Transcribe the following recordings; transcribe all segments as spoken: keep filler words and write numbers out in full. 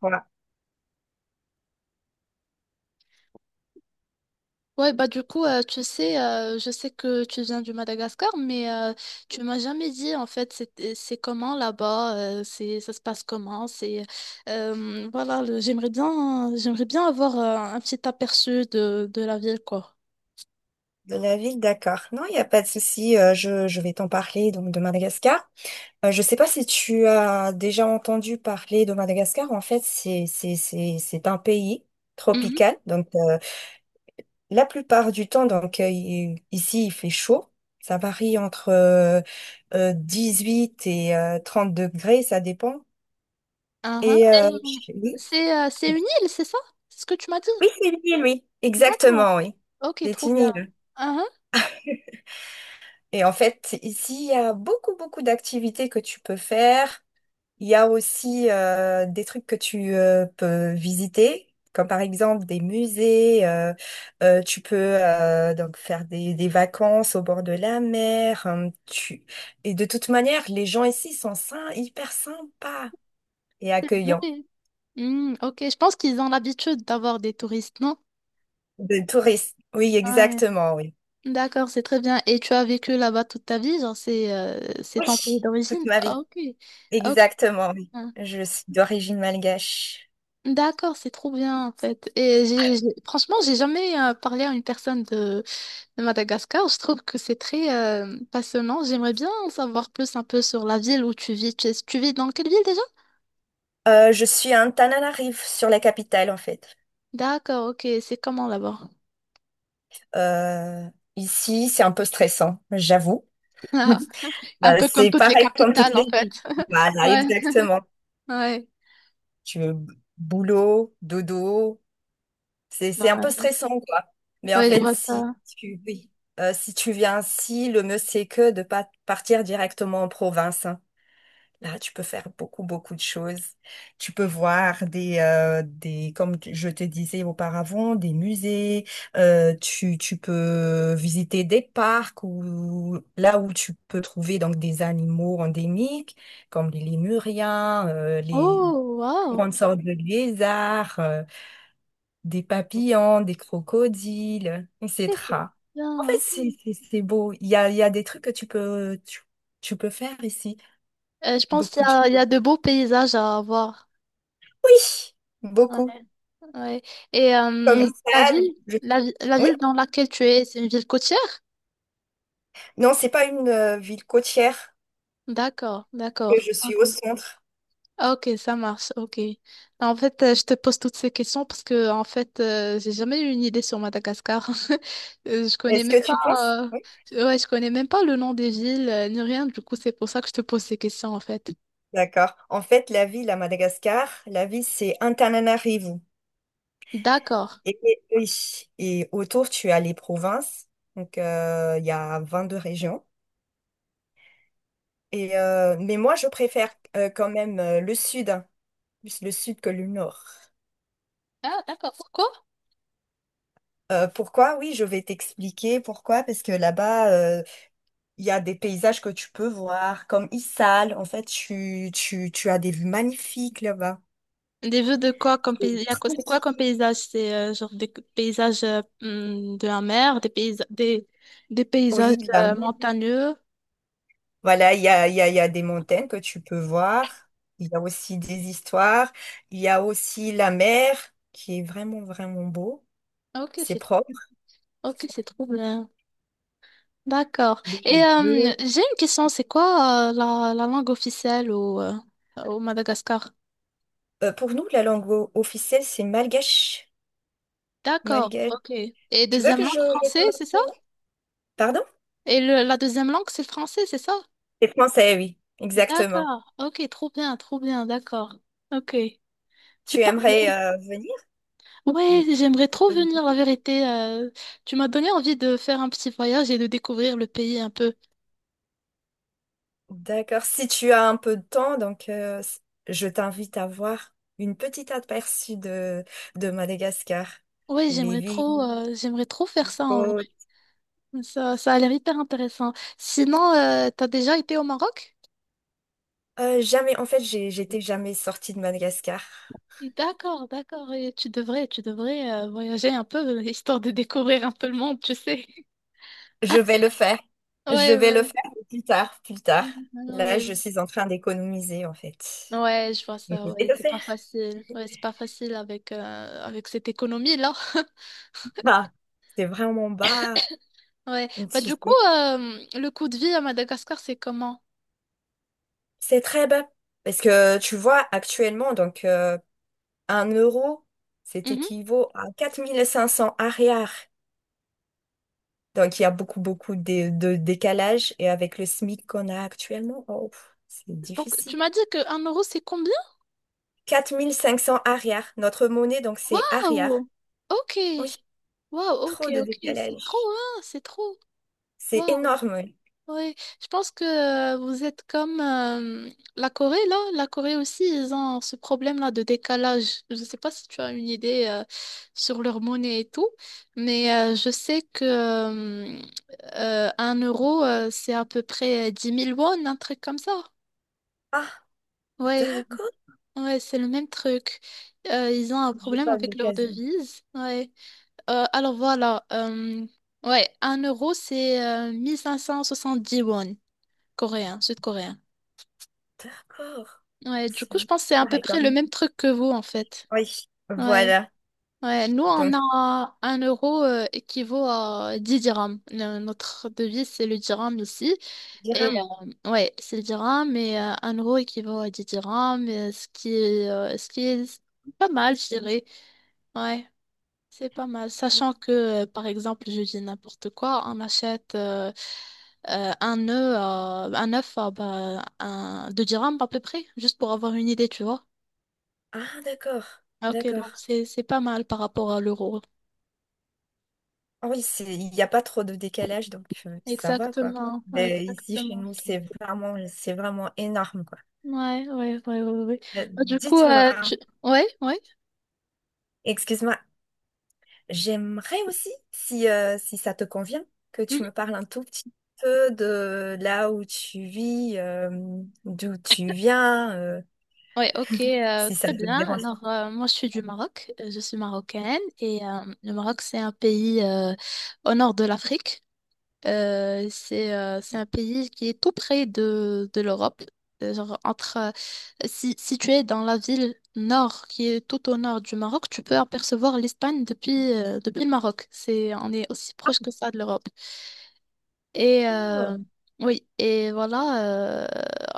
Voilà. Ouais, bah du coup, euh, tu sais, euh, je sais que tu viens du Madagascar, mais euh, tu m'as jamais dit en fait c'est euh, c'est comment là-bas, euh, c'est ça se passe comment, c'est euh, voilà, le- j'aimerais bien j'aimerais bien avoir euh, un petit aperçu de, de la ville quoi. De la ville, d'accord. Non, il n'y a pas de souci. euh, je, je vais t'en parler donc de Madagascar. Euh, je ne sais pas si tu as déjà entendu parler de Madagascar. En fait, c'est c'est c'est c'est un pays Mhm. tropical. Donc euh, la plupart du temps, donc euh, il- ici il fait chaud. Ça varie entre euh, euh, dix-huit et euh, trente degrés, ça dépend. Uhum. Et Et, euh, euh, oui, c'est euh, c'est une île, c'est ça? C'est ce que tu m'as dit? oui, c'est une île, oui. Exactement, D'accord. oui. Ok, C'est trop une bien. île. Uhum. Et en fait, ici, il y a beaucoup, beaucoup d'activités que tu peux faire. Il y a aussi euh, des trucs que tu euh, peux visiter, comme par exemple des musées. Euh, euh, tu peux euh, donc faire des, des vacances au bord de la mer, hein, tu... Et de toute manière, les gens ici sont sym- hyper sympas et C'est accueillants. vrai. Hmm, ok, je pense qu'ils ont l'habitude d'avoir des touristes, non? De touristes. Oui, exactement, oui. D'accord, c'est très bien. Et tu as vécu là-bas toute ta vie, genre c'est euh, c'est Oui, ton pays d'origine? toute ma vie. Ah, ok, ok. Exactement, oui. Je suis d'origine malgache. D'accord, c'est trop bien en fait. Et j'ai, j'ai- franchement, j'ai jamais euh, parlé à une personne de, de Madagascar. Je trouve que c'est très euh, passionnant. J'aimerais bien en savoir plus un peu sur la ville où tu vis. Tu, tu vis dans quelle ville déjà? Euh, je suis à Antananarive, sur la capitale, en fait. D'accord, ok. C'est comment là-bas? Euh, ici, c'est un peu stressant, j'avoue. Un Euh, peu comme c'est toutes les pareil comme capitales toutes en les villes. fait. Voilà, Ouais, exactement. ouais, Tu veux boulot, dodo, c'est c'est un peu stressant, quoi. Mais en ouais, je fait, vois ça. si tu, oui, euh, si tu viens ici, le mieux c'est que de pas partir directement en province, hein. Là, tu peux faire beaucoup, beaucoup de choses. Tu peux voir des, euh, des, comme tu- je te disais auparavant, des musées. Euh, tu, tu peux visiter des parcs ou là où tu peux trouver donc des animaux endémiques, comme les lémuriens, euh, les Oh, wow. grandes sortes de lézards, euh, des papillons, des crocodiles, Ok, c'est et cetera. En bien, fait, c'est, ok. c'est c'est beau. Il y a, il y a des trucs que tu peux, tu, tu peux faire ici. Euh, je pense qu'il Beaucoup y de a, il y choses. a de beaux paysages à voir. Oui, Ouais, beaucoup. ouais. Et Comme euh, la ça, ville, je- la, vi- la oui. ville dans laquelle tu es, c'est une ville côtière? Non, c'est pas une euh, ville côtière D'accord, que d'accord. je suis au Ok. centre. Ok, ça marche, ok. En fait, euh, je te pose toutes ces questions parce que, en fait, euh, j'ai jamais eu une idée sur Madagascar. Euh, Je connais Est-ce même que pas, tu penses? Oui. euh, ouais, je connais même pas le nom des villes, euh, ni rien. Du coup, c'est pour ça que je te pose ces questions, en fait. D'accord. En fait, la ville à Madagascar, la ville, c'est Antananarivo. D'accord. Et, et- oui. Et autour, tu as les provinces. Donc, euh, il y a vingt-deux régions. Et, euh, mais moi, je préfère euh, quand même euh, le sud, hein. Plus le sud que le nord. Ah, d'accord. Pourquoi? Euh, pourquoi? Oui, je vais t'expliquer pourquoi. Parce que là-bas, euh, il y a des paysages que tu peux voir, comme Issal. En fait, tu, tu, tu as des vues magnifiques là-bas. Des vues de quoi comme paysage? C'est quoi comme paysage? C'est euh, genre des paysages euh, hmm, de la mer, des paysages, des, des paysages Oui, de la euh, mer. montagneux. Voilà, il y a, il y a, il y a des montagnes que tu peux voir. Il y a aussi des histoires. Il y a aussi la mer qui est vraiment, vraiment beau. Ok, C'est c'est trop, propre. ok, c'est trop bien. D'accord. Il est Et euh, bleu. j'ai une question, c'est quoi euh, la, la langue officielle au, euh, au Madagascar? Euh, pour nous, la langue o- officielle, c'est malgache. D'accord, Malgache. ok. Et Tu veux deuxième que je, langue je français, te c'est ça? ça Pardon? Et le, la deuxième langue, c'est le français, c'est ça? C'est français, oui. Exactement. D'accord, ok, trop bien, trop bien, d'accord. Ok, c'est Tu aimerais parfait. euh, venir? Ouais, j'aimerais trop venir, la vérité. Euh, tu m'as donné envie de faire un petit voyage et de découvrir le pays un peu. D'accord. Si tu as un peu de temps, donc euh, s- je t'invite à voir une petite aperçue de, de Madagascar. Ouais, Les j'aimerais trop, villes, euh, j'aimerais trop faire ça en vrai. côtes. Ça, ça a l'air hyper intéressant. Sinon, euh, t'as déjà été au Maroc? Euh, jamais, en fait, j'ai, j'étais jamais sortie de Madagascar. D'accord, d'accord. Et tu devrais, tu devrais euh, voyager un peu, histoire de découvrir un peu le monde, tu sais. Je vais le faire. Je Ouais, vais le ouais. faire plus tard, plus tard. Mhm, Là, ouais, je suis en train d'économiser, en fait. ouais, je vois Mais je ça. Ouais, vais le c'est pas faire. facile. Ouais, c'est pas facile avec euh, avec cette économie là. Bah, c'est vraiment bas, Ouais. Bah, tu du coup, sais. euh, le coût de vie à Madagascar, c'est comment? C'est très bas. Parce que tu vois, actuellement, donc, euh, un euro, c'est Mhm. équivaut à quatre mille cinq cents arrière. Donc, il y a beaucoup, beaucoup de, de décalage. Et avec le SMIC qu'on a actuellement, oh, pff, c'est Donc, tu difficile. m'as dit que un euro, c'est combien? quatre mille cinq cents arrière. Notre monnaie, donc, c'est arrière. Waouh! Ok. Oui, Waouh, ok, trop de ok. C'est trop, décalage. hein? C'est trop. C'est Waouh. énorme. Ouais. Je pense que euh, vous êtes comme euh, la Corée, là. La Corée aussi, ils ont ce problème-là de décalage. Je ne sais pas si tu as une idée euh, sur leur monnaie et tout, mais euh, je sais que euh, euh, un euro, euh, c'est à peu près euh, dix mille won, un truc comme ça. Ah, Ouais, d'accord. ouais, c'est le même truc. Euh, ils ont un J'ai problème pas vu avec leur l'occasion. devise. Ouais. Euh, alors voilà. Euh, ouais, un euro, c'est euh, dix won, coréen, sud-coréen. D'accord. Ouais, du C'est coup, je un- pense que c'est peu à peu pareil, quoi. près le même truc que vous, en fait. Oui, Ouais. voilà. Ouais, nous, on Donc, a un euro euh, équivaut à dix dirhams. Le- notre devise, c'est le dirham ici. Et dirham. euh, ouais, c'est le dirham, mais euh, un euro équivaut à dix dirhams, euh, ce qui est, euh, ce qui est pas mal, je dirais. Ouais. C'est pas mal, sachant que, euh, par exemple, je dis n'importe quoi, on achète euh, euh, un œuf à, un œuf à bah, un, deux dirhams à peu près, juste pour avoir une idée, tu vois. Ah, d'accord. Ah, ok, donc D'accord. c'est c'est pas mal par rapport à l'euro. Oui, c'est, il n'y a pas trop de décalage, donc euh, ça va, quoi. Exactement, ouais, Mais ici, chez exactement. nous, c'est vraiment, c'est vraiment énorme, quoi. Ouais, ouais, ouais, ouais, ouais. Euh, Bah, du coup, euh, dites-moi, tu... ouais, ouais, excuse-moi, j'aimerais aussi, si, euh, si ça te convient, que tu mhm. me parles un tout petit peu de là où tu vis, euh, d'où tu viens, euh, Ouais, ok, euh, si ça très te bien. dérange Alors, euh, moi, je suis du Maroc, euh, je suis marocaine, et euh, le Maroc, c'est un pays euh, au nord de l'Afrique. Euh, c'est euh, c'est un pays qui est tout près de, de l'Europe. Euh, Genre entre, euh, si, si tu es dans la ville nord, qui est tout au nord du Maroc, tu peux apercevoir l'Espagne depuis, euh, depuis le Maroc. C'est, on est aussi proche que ça de l'Europe. Et euh, pas. oui, et voilà, euh,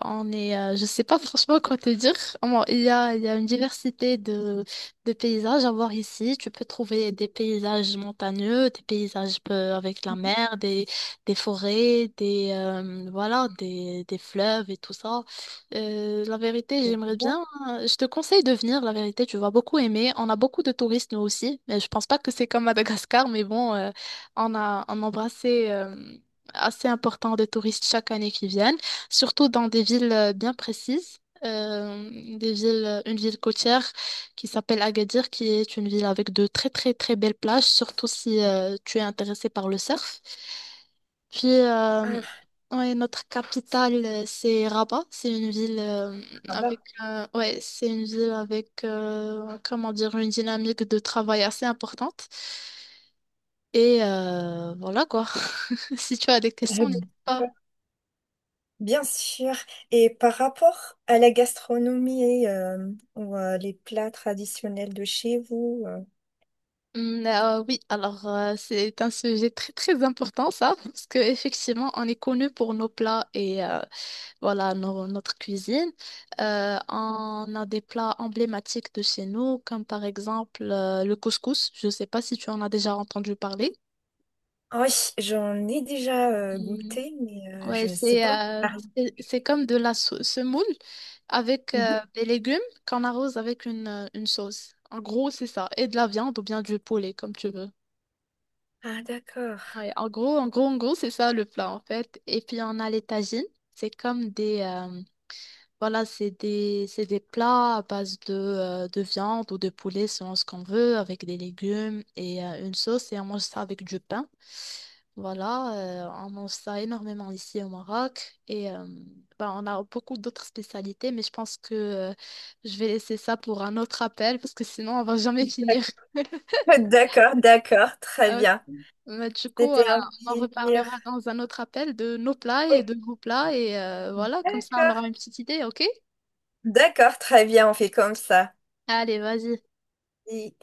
on est, euh, je sais pas franchement quoi te dire. Bon, il y a, il y a une diversité de, de paysages à voir ici. Tu peux trouver des paysages montagneux, des paysages euh, avec la mer, des, des forêts, des, euh, voilà, des, des fleuves et tout ça. Euh, la vérité, C'est j'aimerais bien. bien. euh, Je te conseille de venir, la vérité, tu vas beaucoup aimer. On a beaucoup de touristes, nous aussi. Mais je pense pas que c'est comme Madagascar, mais bon, euh, on a, on a embrassé. Euh, assez important des touristes chaque année qui viennent, surtout dans des villes euh, bien précises. Euh, des villes, euh, une ville côtière qui s'appelle Agadir, qui est une ville avec de très très très belles plages, surtout si euh, tu es intéressé par le surf. Puis euh, Ah, ouais, notre capitale, euh, c'est Rabat. C'est une ville euh, ah bah. avec euh, ouais, c'est une ville avec euh, comment dire une dynamique de travail assez importante. Et euh, voilà quoi. Si tu as des questions, n'hésite pas. Bien sûr. Et par rapport à la gastronomie euh, ou euh, les plats traditionnels de chez vous, euh, Mm, euh, oui, alors euh, c'est un sujet très très important ça, parce que effectivement on est connu pour nos plats et euh, voilà nos- notre cuisine. Euh, on a des plats emblématiques de chez nous, comme par exemple euh, le couscous. Je ne sais pas si tu en as déjà entendu parler. ah oui, j'en ai déjà euh, Mm. goûté, mais euh, Ouais, je ne sais c'est pas en euh, parler. c'est c'est comme de la sau- semoule avec Mhm. euh, des légumes qu'on arrose avec une, euh, une sauce. En gros, c'est ça. Et de la viande ou bien du poulet, comme tu veux. Ah, d'accord. Ouais, en gros, en gros, en gros, c'est ça le plat en fait. Et puis on a les tagines. C'est comme des, euh, voilà, c'est des, c'est des plats à base de, euh, de viande ou de poulet selon ce qu'on veut, avec des légumes et euh, une sauce. Et on mange ça avec du pain. Voilà, euh, on mange ça énormément ici au Maroc. Et euh, ben, on a beaucoup d'autres spécialités, mais je pense que euh, je vais laisser ça pour un autre appel parce que sinon on va jamais finir. D'accord. D'accord, d'accord, très bien. Mais du coup, euh, C'était un on en plaisir. reparlera dans un autre appel de nos plats et Oui, de vos plats. Et euh, voilà, comme ça, on d'accord. aura une petite idée, ok? D'accord, très bien, on fait comme ça. Allez, vas-y. Et-